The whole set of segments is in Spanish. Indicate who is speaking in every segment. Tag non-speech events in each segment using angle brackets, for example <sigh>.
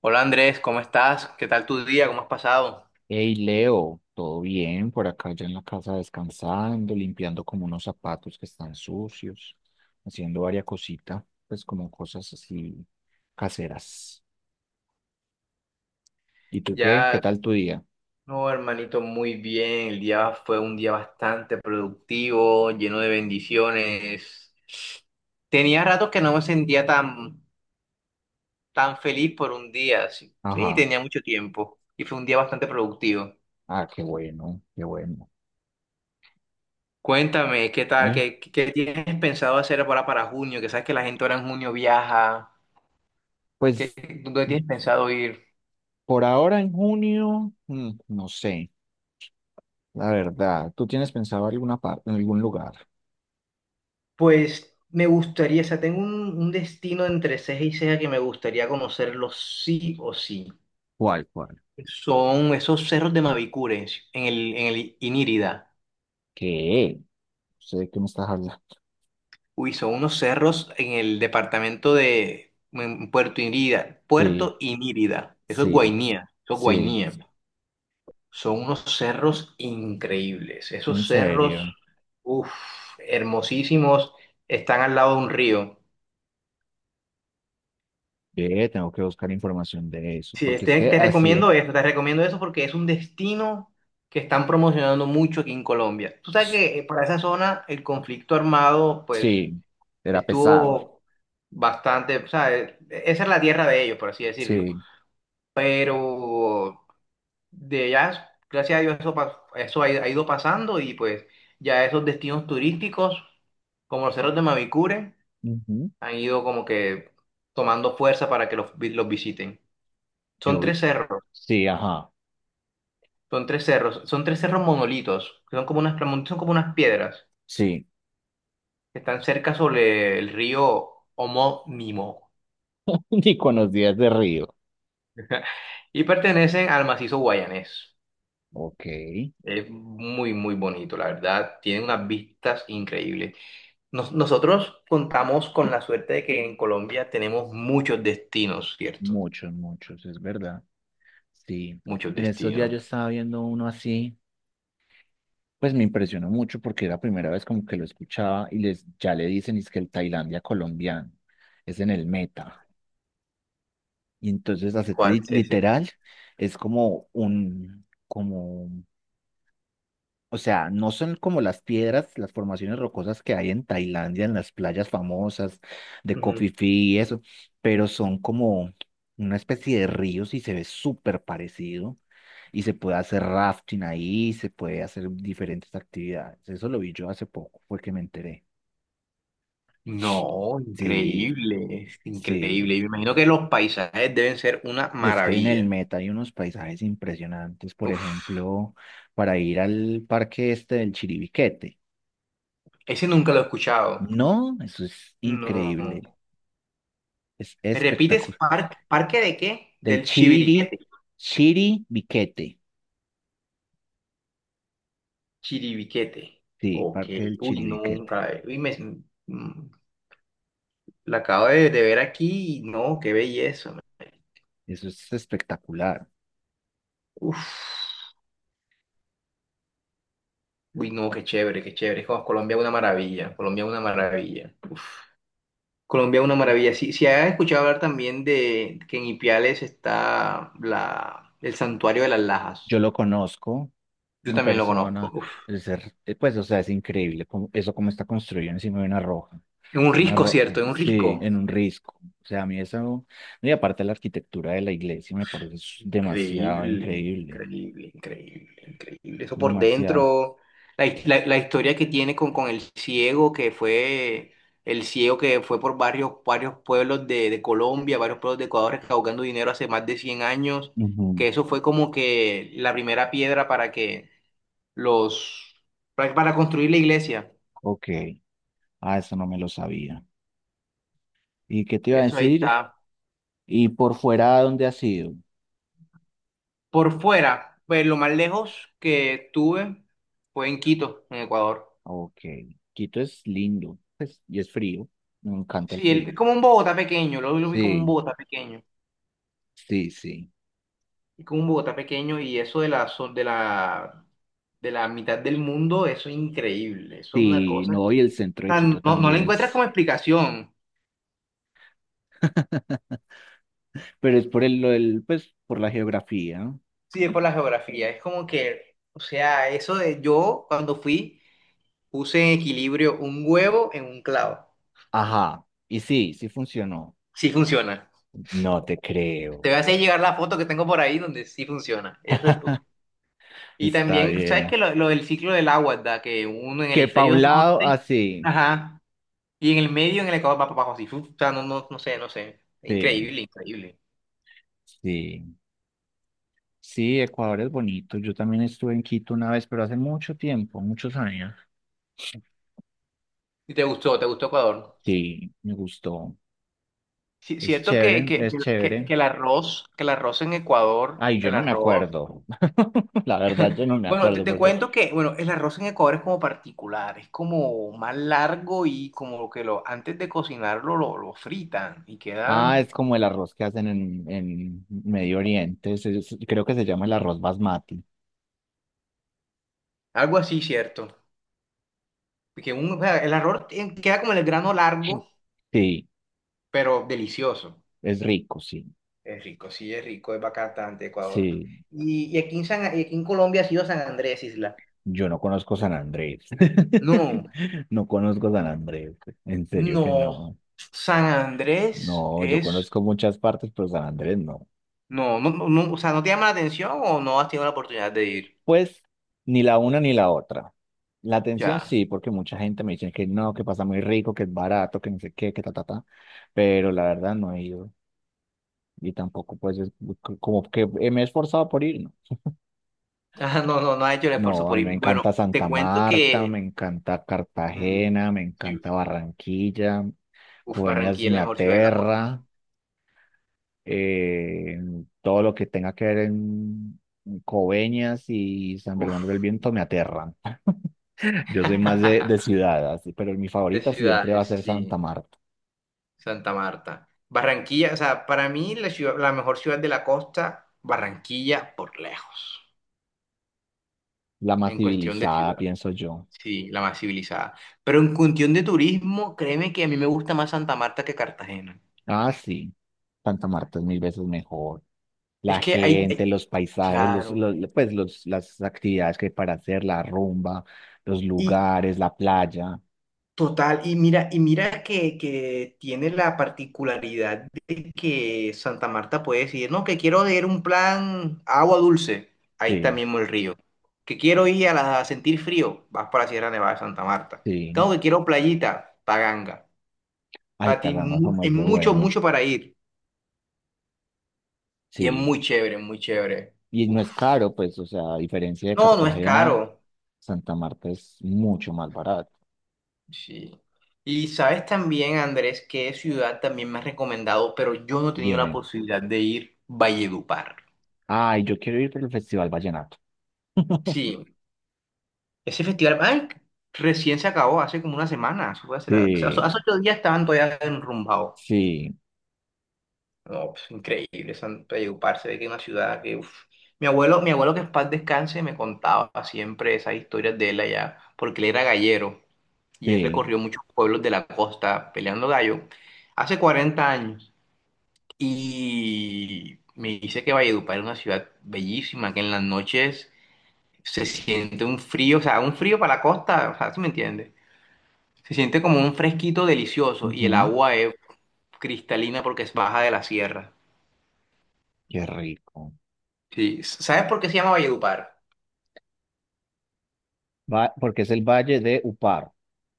Speaker 1: Hola Andrés, ¿cómo estás? ¿Qué tal tu día? ¿Cómo has pasado?
Speaker 2: Hey Leo, ¿todo bien? Por acá ya en la casa descansando, limpiando como unos zapatos que están sucios, haciendo varias cositas, pues como cosas así caseras. ¿Y tú qué? ¿Qué
Speaker 1: Ya,
Speaker 2: tal tu día?
Speaker 1: no, hermanito, muy bien. El día fue un día bastante productivo, lleno de bendiciones. Tenía rato que no me sentía tan feliz por un día. Sí, sí,
Speaker 2: Ajá.
Speaker 1: tenía mucho tiempo y fue un día bastante productivo.
Speaker 2: Ah, qué bueno, qué bueno.
Speaker 1: Cuéntame, ¿qué tal?
Speaker 2: Eh,
Speaker 1: ¿Qué tienes pensado hacer ahora para junio? Que sabes que la gente ahora en junio viaja. ¿Qué,
Speaker 2: Pues
Speaker 1: dónde tienes pensado ir?
Speaker 2: por ahora en junio, no sé, la verdad. ¿Tú tienes pensado alguna parte, en algún lugar?
Speaker 1: Pues me gustaría, o sea, tengo un destino entre ceja y ceja que me gustaría conocerlo sí o sí.
Speaker 2: ¿Cuál, cuál?
Speaker 1: Son esos cerros de Mavicure en el Inírida.
Speaker 2: ¿Qué? No sé de qué me estás hablando.
Speaker 1: Uy, son unos cerros en el departamento de en Puerto Inírida.
Speaker 2: Sí,
Speaker 1: Puerto Inírida. Eso es
Speaker 2: sí,
Speaker 1: Guainía. Eso es
Speaker 2: sí,
Speaker 1: Guainía. Son unos cerros increíbles.
Speaker 2: en
Speaker 1: Esos cerros,
Speaker 2: serio.
Speaker 1: uff, hermosísimos, están al lado de un río.
Speaker 2: Ve, tengo que buscar información de eso,
Speaker 1: Sí,
Speaker 2: porque es que así,
Speaker 1: te recomiendo eso porque es un destino que están promocionando mucho aquí en Colombia. Tú sabes que para esa zona el conflicto armado pues
Speaker 2: sí, era pesado,
Speaker 1: estuvo bastante, o sea, esa es la tierra de ellos, por así decirlo.
Speaker 2: sí.
Speaker 1: Pero de allá, gracias a Dios, eso, eso ha ido pasando y pues ya esos destinos turísticos como los cerros de Mavicure
Speaker 2: Ujú.
Speaker 1: han ido como que tomando fuerza para que los, los visiten. Son
Speaker 2: Yo,
Speaker 1: tres cerros.
Speaker 2: sí, ajá,
Speaker 1: Son tres cerros, son tres cerros monolitos, que son como unas, son como unas piedras
Speaker 2: sí.
Speaker 1: que están cerca sobre el río homónimo
Speaker 2: <laughs> Ni con los días de río.
Speaker 1: y pertenecen al macizo guayanés.
Speaker 2: Ok,
Speaker 1: Es muy, muy bonito, la verdad. Tiene unas vistas increíbles. Nosotros contamos con la suerte de que en Colombia tenemos muchos destinos, ¿cierto?
Speaker 2: muchos, muchos, es verdad. Sí.
Speaker 1: Muchos
Speaker 2: En estos días yo
Speaker 1: destinos.
Speaker 2: estaba viendo uno así, pues me impresionó mucho porque era la primera vez como que lo escuchaba y les, ya le dicen, es que el Tailandia colombiano es en el meta. Y entonces,
Speaker 1: ¿Cuál es ese?
Speaker 2: literal, es como un, como o sea, no son como las piedras, las formaciones rocosas que hay en Tailandia, en las playas famosas de Koh Phi
Speaker 1: Ujú.
Speaker 2: Phi y eso, pero son como una especie de ríos y se ve súper parecido. Y se puede hacer rafting ahí, se puede hacer diferentes actividades. Eso lo vi yo hace poco, fue que me enteré.
Speaker 1: No,
Speaker 2: Sí,
Speaker 1: increíble, es
Speaker 2: sí.
Speaker 1: increíble. Y me imagino que los paisajes deben ser una
Speaker 2: Es que en el
Speaker 1: maravilla.
Speaker 2: Meta hay unos paisajes impresionantes, por
Speaker 1: Uf.
Speaker 2: ejemplo, para ir al parque este del Chiribiquete.
Speaker 1: Ese nunca lo he escuchado.
Speaker 2: No, eso es increíble.
Speaker 1: No.
Speaker 2: Es
Speaker 1: ¿Me repites
Speaker 2: espectacular.
Speaker 1: parque, parque de qué?
Speaker 2: Del
Speaker 1: Del
Speaker 2: Chiri,
Speaker 1: Chiviriquete.
Speaker 2: Chiribiquete.
Speaker 1: Chiribiquete.
Speaker 2: Sí,
Speaker 1: Ok.
Speaker 2: Parque del
Speaker 1: Uy,
Speaker 2: Chiribiquete.
Speaker 1: nunca. Uy, me, mm, la acabo de ver aquí y no, qué belleza.
Speaker 2: Eso es espectacular.
Speaker 1: Uf. Uy, no, qué chévere, qué chévere. Jo, Colombia es una maravilla. Colombia es una maravilla. Colombia es una
Speaker 2: Eh,
Speaker 1: maravilla. Sí, si has escuchado hablar también de que en Ipiales está la, el santuario de las
Speaker 2: Yo
Speaker 1: Lajas.
Speaker 2: lo conozco
Speaker 1: Yo
Speaker 2: en
Speaker 1: también lo conozco.
Speaker 2: persona.
Speaker 1: Uf.
Speaker 2: Pues, o sea, es increíble eso como está construido encima de una roja.
Speaker 1: En un
Speaker 2: Una
Speaker 1: risco,
Speaker 2: ro-
Speaker 1: ¿cierto? En un
Speaker 2: sí,
Speaker 1: risco.
Speaker 2: en un risco. O sea, a mí eso, y aparte la arquitectura de la iglesia me parece demasiado
Speaker 1: Increíble,
Speaker 2: increíble.
Speaker 1: increíble, increíble, increíble. Eso por
Speaker 2: Demasiado.
Speaker 1: dentro, la, la historia que tiene con el ciego, que fue el ciego que fue por varios, varios pueblos de Colombia, varios pueblos de Ecuador, recaudando dinero hace más de 100 años,
Speaker 2: Ujú.
Speaker 1: que eso fue como que la primera piedra para que los, para construir la iglesia.
Speaker 2: Ok. Ah, eso no me lo sabía. ¿Y qué te iba a
Speaker 1: Eso ahí
Speaker 2: decir?
Speaker 1: está.
Speaker 2: Y por fuera, ¿a dónde has ido?
Speaker 1: Por fuera, pues lo más lejos que tuve fue en Quito, en Ecuador.
Speaker 2: Ok, Quito es lindo, pues, y es frío. Me encanta el
Speaker 1: Sí,
Speaker 2: frío.
Speaker 1: como un Bogotá pequeño, lo vi como un
Speaker 2: Sí,
Speaker 1: Bogotá pequeño,
Speaker 2: sí, sí.
Speaker 1: y como un Bogotá pequeño y eso de la, de la, de la mitad del mundo, eso es increíble, eso es una
Speaker 2: Sí,
Speaker 1: cosa
Speaker 2: no,
Speaker 1: que o
Speaker 2: y el centro de
Speaker 1: sea,
Speaker 2: Quito
Speaker 1: no, no le
Speaker 2: también
Speaker 1: encuentras
Speaker 2: es,
Speaker 1: como explicación,
Speaker 2: <laughs> pero es por el, lo del, pues, por la geografía.
Speaker 1: sí, es por la geografía, es como que, o sea, eso de yo cuando fui puse en equilibrio un huevo en un clavo,
Speaker 2: Ajá, y sí, sí funcionó.
Speaker 1: sí funciona.
Speaker 2: No te
Speaker 1: Te
Speaker 2: creo.
Speaker 1: voy a hacer llegar la foto que tengo por ahí donde sí funciona, eso es. Y
Speaker 2: Está
Speaker 1: también, ¿sabes qué?
Speaker 2: bien.
Speaker 1: Lo del ciclo del agua, ¿da? Que uno en el
Speaker 2: Que pa' un
Speaker 1: hemisferio
Speaker 2: lado,
Speaker 1: norte,
Speaker 2: así.
Speaker 1: ajá, y en el medio, en el Ecuador, va para abajo así. Uf, o sea, no, no, no sé, no sé.
Speaker 2: Sí,
Speaker 1: Increíble, increíble.
Speaker 2: sí. Sí, Ecuador es bonito. Yo también estuve en Quito una vez, pero hace mucho tiempo, muchos años.
Speaker 1: ¿Y te gustó? ¿Te gustó Ecuador?
Speaker 2: Sí, me gustó.
Speaker 1: Sí,
Speaker 2: Es
Speaker 1: cierto
Speaker 2: chévere, es chévere.
Speaker 1: que el arroz en Ecuador,
Speaker 2: Ay, yo
Speaker 1: el
Speaker 2: no me
Speaker 1: arroz.
Speaker 2: acuerdo. <laughs> La verdad, yo no me
Speaker 1: Bueno, te,
Speaker 2: acuerdo
Speaker 1: te
Speaker 2: porque...
Speaker 1: cuento que, bueno, el arroz en Ecuador es como particular, es como más largo y como que lo, antes de cocinarlo lo fritan y
Speaker 2: Ah,
Speaker 1: quedan
Speaker 2: es como el arroz que hacen en Medio Oriente. Creo que se llama el arroz basmati.
Speaker 1: algo así, ¿cierto? Que un, o sea, el arroz queda como el grano
Speaker 2: Sí.
Speaker 1: largo
Speaker 2: Sí,
Speaker 1: pero delicioso.
Speaker 2: es rico, sí.
Speaker 1: Es rico, sí, es rico, es bacán de Ecuador.
Speaker 2: Sí,
Speaker 1: Y aquí en y aquí en Colombia ha sido San Andrés, Isla.
Speaker 2: yo no conozco San Andrés.
Speaker 1: No,
Speaker 2: <laughs> No conozco San Andrés. En serio que
Speaker 1: no.
Speaker 2: no.
Speaker 1: San Andrés
Speaker 2: No, yo
Speaker 1: es.
Speaker 2: conozco muchas partes, pero San Andrés no.
Speaker 1: No, no, no, no, o sea, ¿no te llama la atención o no has tenido la oportunidad de ir?
Speaker 2: Pues ni la una ni la otra. La atención
Speaker 1: Ya. <laughs>
Speaker 2: sí, porque mucha gente me dice que no, que pasa muy rico, que es barato, que no sé qué, que ta, ta, ta. Pero la verdad no he ido. Y tampoco, pues, es como que me he esforzado por ir, ¿no?
Speaker 1: Ah, no, no, no ha hecho el esfuerzo
Speaker 2: No, a
Speaker 1: por
Speaker 2: mí me
Speaker 1: ir. Bueno,
Speaker 2: encanta
Speaker 1: te
Speaker 2: Santa
Speaker 1: cuento
Speaker 2: Marta, me
Speaker 1: que.
Speaker 2: encanta
Speaker 1: mm,
Speaker 2: Cartagena, me
Speaker 1: sí,
Speaker 2: encanta Barranquilla,
Speaker 1: uf,
Speaker 2: Cueñas
Speaker 1: Barranquilla es
Speaker 2: me
Speaker 1: la mejor ciudad de la costa.
Speaker 2: aterra. eh, todo lo que tenga que ver en Coveñas y San Bernardo del
Speaker 1: Uf,
Speaker 2: Viento me aterran. <laughs> Yo soy más de ciudad, así, pero mi
Speaker 1: de
Speaker 2: favorita siempre va a
Speaker 1: ciudades,
Speaker 2: ser
Speaker 1: sí.
Speaker 2: Santa Marta,
Speaker 1: Santa Marta. Barranquilla, o sea, para mí la mejor ciudad de la costa, Barranquilla por lejos,
Speaker 2: la más
Speaker 1: en cuestión de
Speaker 2: civilizada,
Speaker 1: ciudad.
Speaker 2: pienso yo.
Speaker 1: Sí, la más civilizada. Pero en cuestión de turismo, créeme que a mí me gusta más Santa Marta que Cartagena.
Speaker 2: Ah, sí, Santa Marta es mil veces mejor.
Speaker 1: Es
Speaker 2: La
Speaker 1: que
Speaker 2: gente, los paisajes,
Speaker 1: claro.
Speaker 2: pues los, las actividades que hay para hacer, la rumba, los
Speaker 1: Y
Speaker 2: lugares, la playa.
Speaker 1: total, y mira que tiene la particularidad de que Santa Marta puede decir, no, que quiero ir a un plan agua dulce, ahí está
Speaker 2: Sí,
Speaker 1: mismo el río. Que quiero ir a, a sentir frío, vas para la Sierra Nevada de Santa Marta.
Speaker 2: sí.
Speaker 1: Tengo que quiero playita, Paganga.
Speaker 2: Ay,
Speaker 1: Para ti
Speaker 2: Taganga, como
Speaker 1: es
Speaker 2: es de
Speaker 1: mucho,
Speaker 2: bueno.
Speaker 1: mucho para ir. Y es
Speaker 2: Sí.
Speaker 1: muy chévere, muy chévere.
Speaker 2: Y no es
Speaker 1: Uf.
Speaker 2: caro, pues, o sea, a diferencia de
Speaker 1: No, no es
Speaker 2: Cartagena,
Speaker 1: caro.
Speaker 2: Santa Marta es mucho más barato.
Speaker 1: Sí. Y sabes también, Andrés, qué ciudad también me has recomendado, pero yo no he tenido la
Speaker 2: Dime,
Speaker 1: posibilidad de ir, Valledupar.
Speaker 2: ay, yo quiero ir por el Festival Vallenato. <laughs>
Speaker 1: Sí, ese festival, ay, recién se acabó, hace como una semana, eso fue hace,
Speaker 2: Sí,
Speaker 1: hace 8 días estaban todavía enrumbados.
Speaker 2: sí,
Speaker 1: No, pues, increíble, San Valledupar, se ve que es una ciudad que, uf. Mi abuelo que en paz descanse me contaba siempre esas historias de él allá, porque él era gallero y él
Speaker 2: sí.
Speaker 1: recorrió muchos pueblos de la costa peleando gallo hace 40 años. Y me dice que Valledupar es una ciudad bellísima, que en las noches se siente un frío, o sea, un frío para la costa, o sea, ¿sí me entiendes? Se siente como un fresquito delicioso y el
Speaker 2: Ujú.
Speaker 1: agua es cristalina porque es baja de la sierra.
Speaker 2: Qué rico.
Speaker 1: Sí. ¿Sabes por qué se llama Valledupar?
Speaker 2: Va, porque es el Valle de Upar,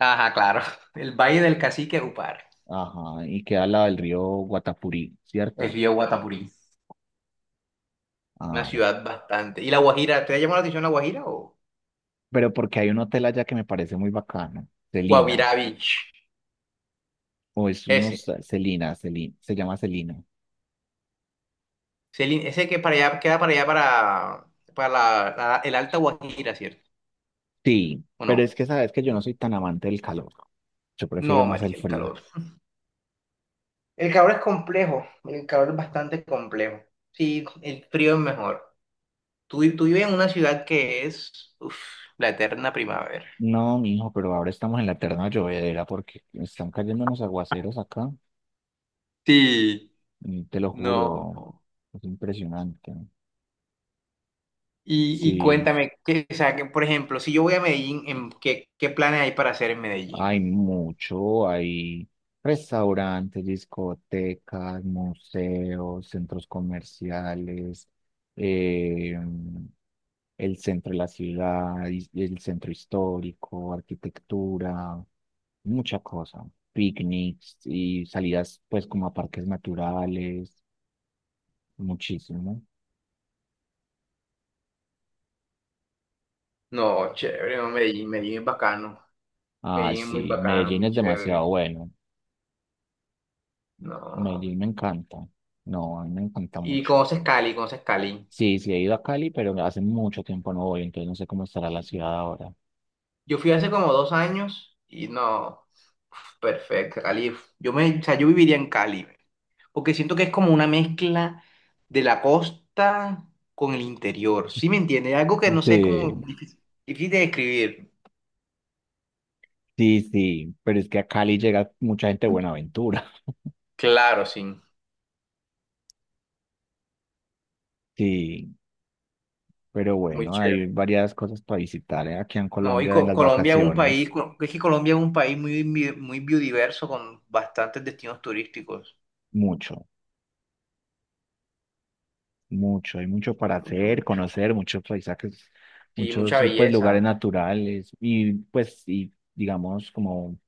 Speaker 1: Ajá, claro. <laughs> El Valle del Cacique Upar.
Speaker 2: ajá, y queda al lado del río Guatapurí,
Speaker 1: El
Speaker 2: ¿cierto?
Speaker 1: río Guatapurí. Una
Speaker 2: Ah,
Speaker 1: ciudad bastante. ¿Y La Guajira? ¿Te ha llamado la atención La Guajira o
Speaker 2: pero porque hay un hotel allá que me parece muy bacano, Celina,
Speaker 1: Guavirá Beach?
Speaker 2: o es unos
Speaker 1: Ese.
Speaker 2: Celina, Celina, se llama Celina.
Speaker 1: Ese, ese que para allá, queda para allá, para el Alta Guajira, ¿cierto?
Speaker 2: Sí,
Speaker 1: ¿O
Speaker 2: pero
Speaker 1: no?
Speaker 2: es que sabes que yo no soy tan amante del calor. Yo prefiero
Speaker 1: No,
Speaker 2: más el
Speaker 1: marica, el
Speaker 2: frío.
Speaker 1: calor. El calor es complejo, el calor es bastante complejo. Sí, el frío es mejor. Tú, tú vives en una ciudad que es, uf, la eterna primavera.
Speaker 2: No, mijo, pero ahora estamos en la eterna llovedera porque están cayendo unos aguaceros acá.
Speaker 1: Sí,
Speaker 2: Y te lo
Speaker 1: no.
Speaker 2: juro, es impresionante.
Speaker 1: Y
Speaker 2: Sí,
Speaker 1: cuéntame, que, o sea, que, por ejemplo, si yo voy a Medellín, ¿en ¿qué, qué planes hay para hacer en Medellín?
Speaker 2: hay mucho, hay restaurantes, discotecas, museos, centros comerciales, eh, el centro de la ciudad, y el centro histórico, arquitectura, mucha cosa, picnics y salidas pues como a parques naturales, muchísimo.
Speaker 1: No, chévere, no, Medellín, Medellín es bacano.
Speaker 2: Ah,
Speaker 1: Medellín es muy
Speaker 2: sí,
Speaker 1: bacano,
Speaker 2: Medellín
Speaker 1: muy
Speaker 2: es demasiado
Speaker 1: chévere.
Speaker 2: bueno,
Speaker 1: No.
Speaker 2: Medellín me encanta, no, a mí me encanta
Speaker 1: Y
Speaker 2: mucho.
Speaker 1: conoces Cali, conoces Cali.
Speaker 2: Sí, sí, he ido a Cali, pero hace mucho tiempo no voy, entonces no sé cómo estará la
Speaker 1: Sí.
Speaker 2: ciudad ahora.
Speaker 1: Yo fui hace como 2 años y no, uf, perfecto, Cali. Uf. Yo me, o sea, yo viviría en Cali, porque siento que es como una mezcla de la costa con el interior. ¿Sí me entiendes? Algo que no sé, es como
Speaker 2: Sí,
Speaker 1: difícil, difícil de describir.
Speaker 2: sí, sí, pero es que a Cali llega mucha gente de Buenaventura. <laughs>
Speaker 1: Claro, sí,
Speaker 2: Sí, pero
Speaker 1: muy
Speaker 2: bueno, hay
Speaker 1: chévere.
Speaker 2: varias cosas para visitar, ¿eh? Aquí en
Speaker 1: No, y
Speaker 2: Colombia en las
Speaker 1: Colombia es un país,
Speaker 2: vacaciones,
Speaker 1: es que Colombia es un país muy, muy biodiverso con bastantes destinos turísticos.
Speaker 2: mucho, mucho, hay mucho para
Speaker 1: Mucho,
Speaker 2: hacer,
Speaker 1: mucho.
Speaker 2: conocer, muchos paisajes,
Speaker 1: Sí,
Speaker 2: muchos
Speaker 1: mucha
Speaker 2: pues lugares
Speaker 1: belleza.
Speaker 2: naturales y pues y digamos como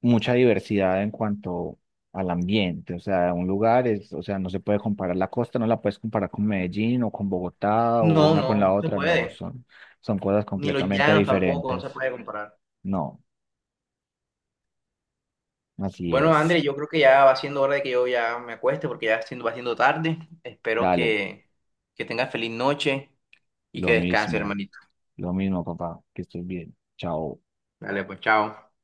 Speaker 2: mucha diversidad en cuanto al ambiente, o sea, un lugar es, o sea, no se puede comparar la costa, no la puedes comparar con Medellín o con Bogotá o
Speaker 1: No,
Speaker 2: una con
Speaker 1: no,
Speaker 2: la
Speaker 1: no se
Speaker 2: otra, no,
Speaker 1: puede.
Speaker 2: son, son cosas
Speaker 1: Ni los
Speaker 2: completamente
Speaker 1: llanos tampoco, no se
Speaker 2: diferentes.
Speaker 1: puede comparar.
Speaker 2: No, así
Speaker 1: Bueno,
Speaker 2: es.
Speaker 1: André, yo creo que ya va siendo hora de que yo ya me acueste porque ya siendo, va siendo tarde. Espero
Speaker 2: Dale,
Speaker 1: que tengas feliz noche y que
Speaker 2: lo
Speaker 1: descanses
Speaker 2: mismo,
Speaker 1: hermanito.
Speaker 2: lo mismo, papá, que estés bien. Chao.
Speaker 1: Dale, pues chao.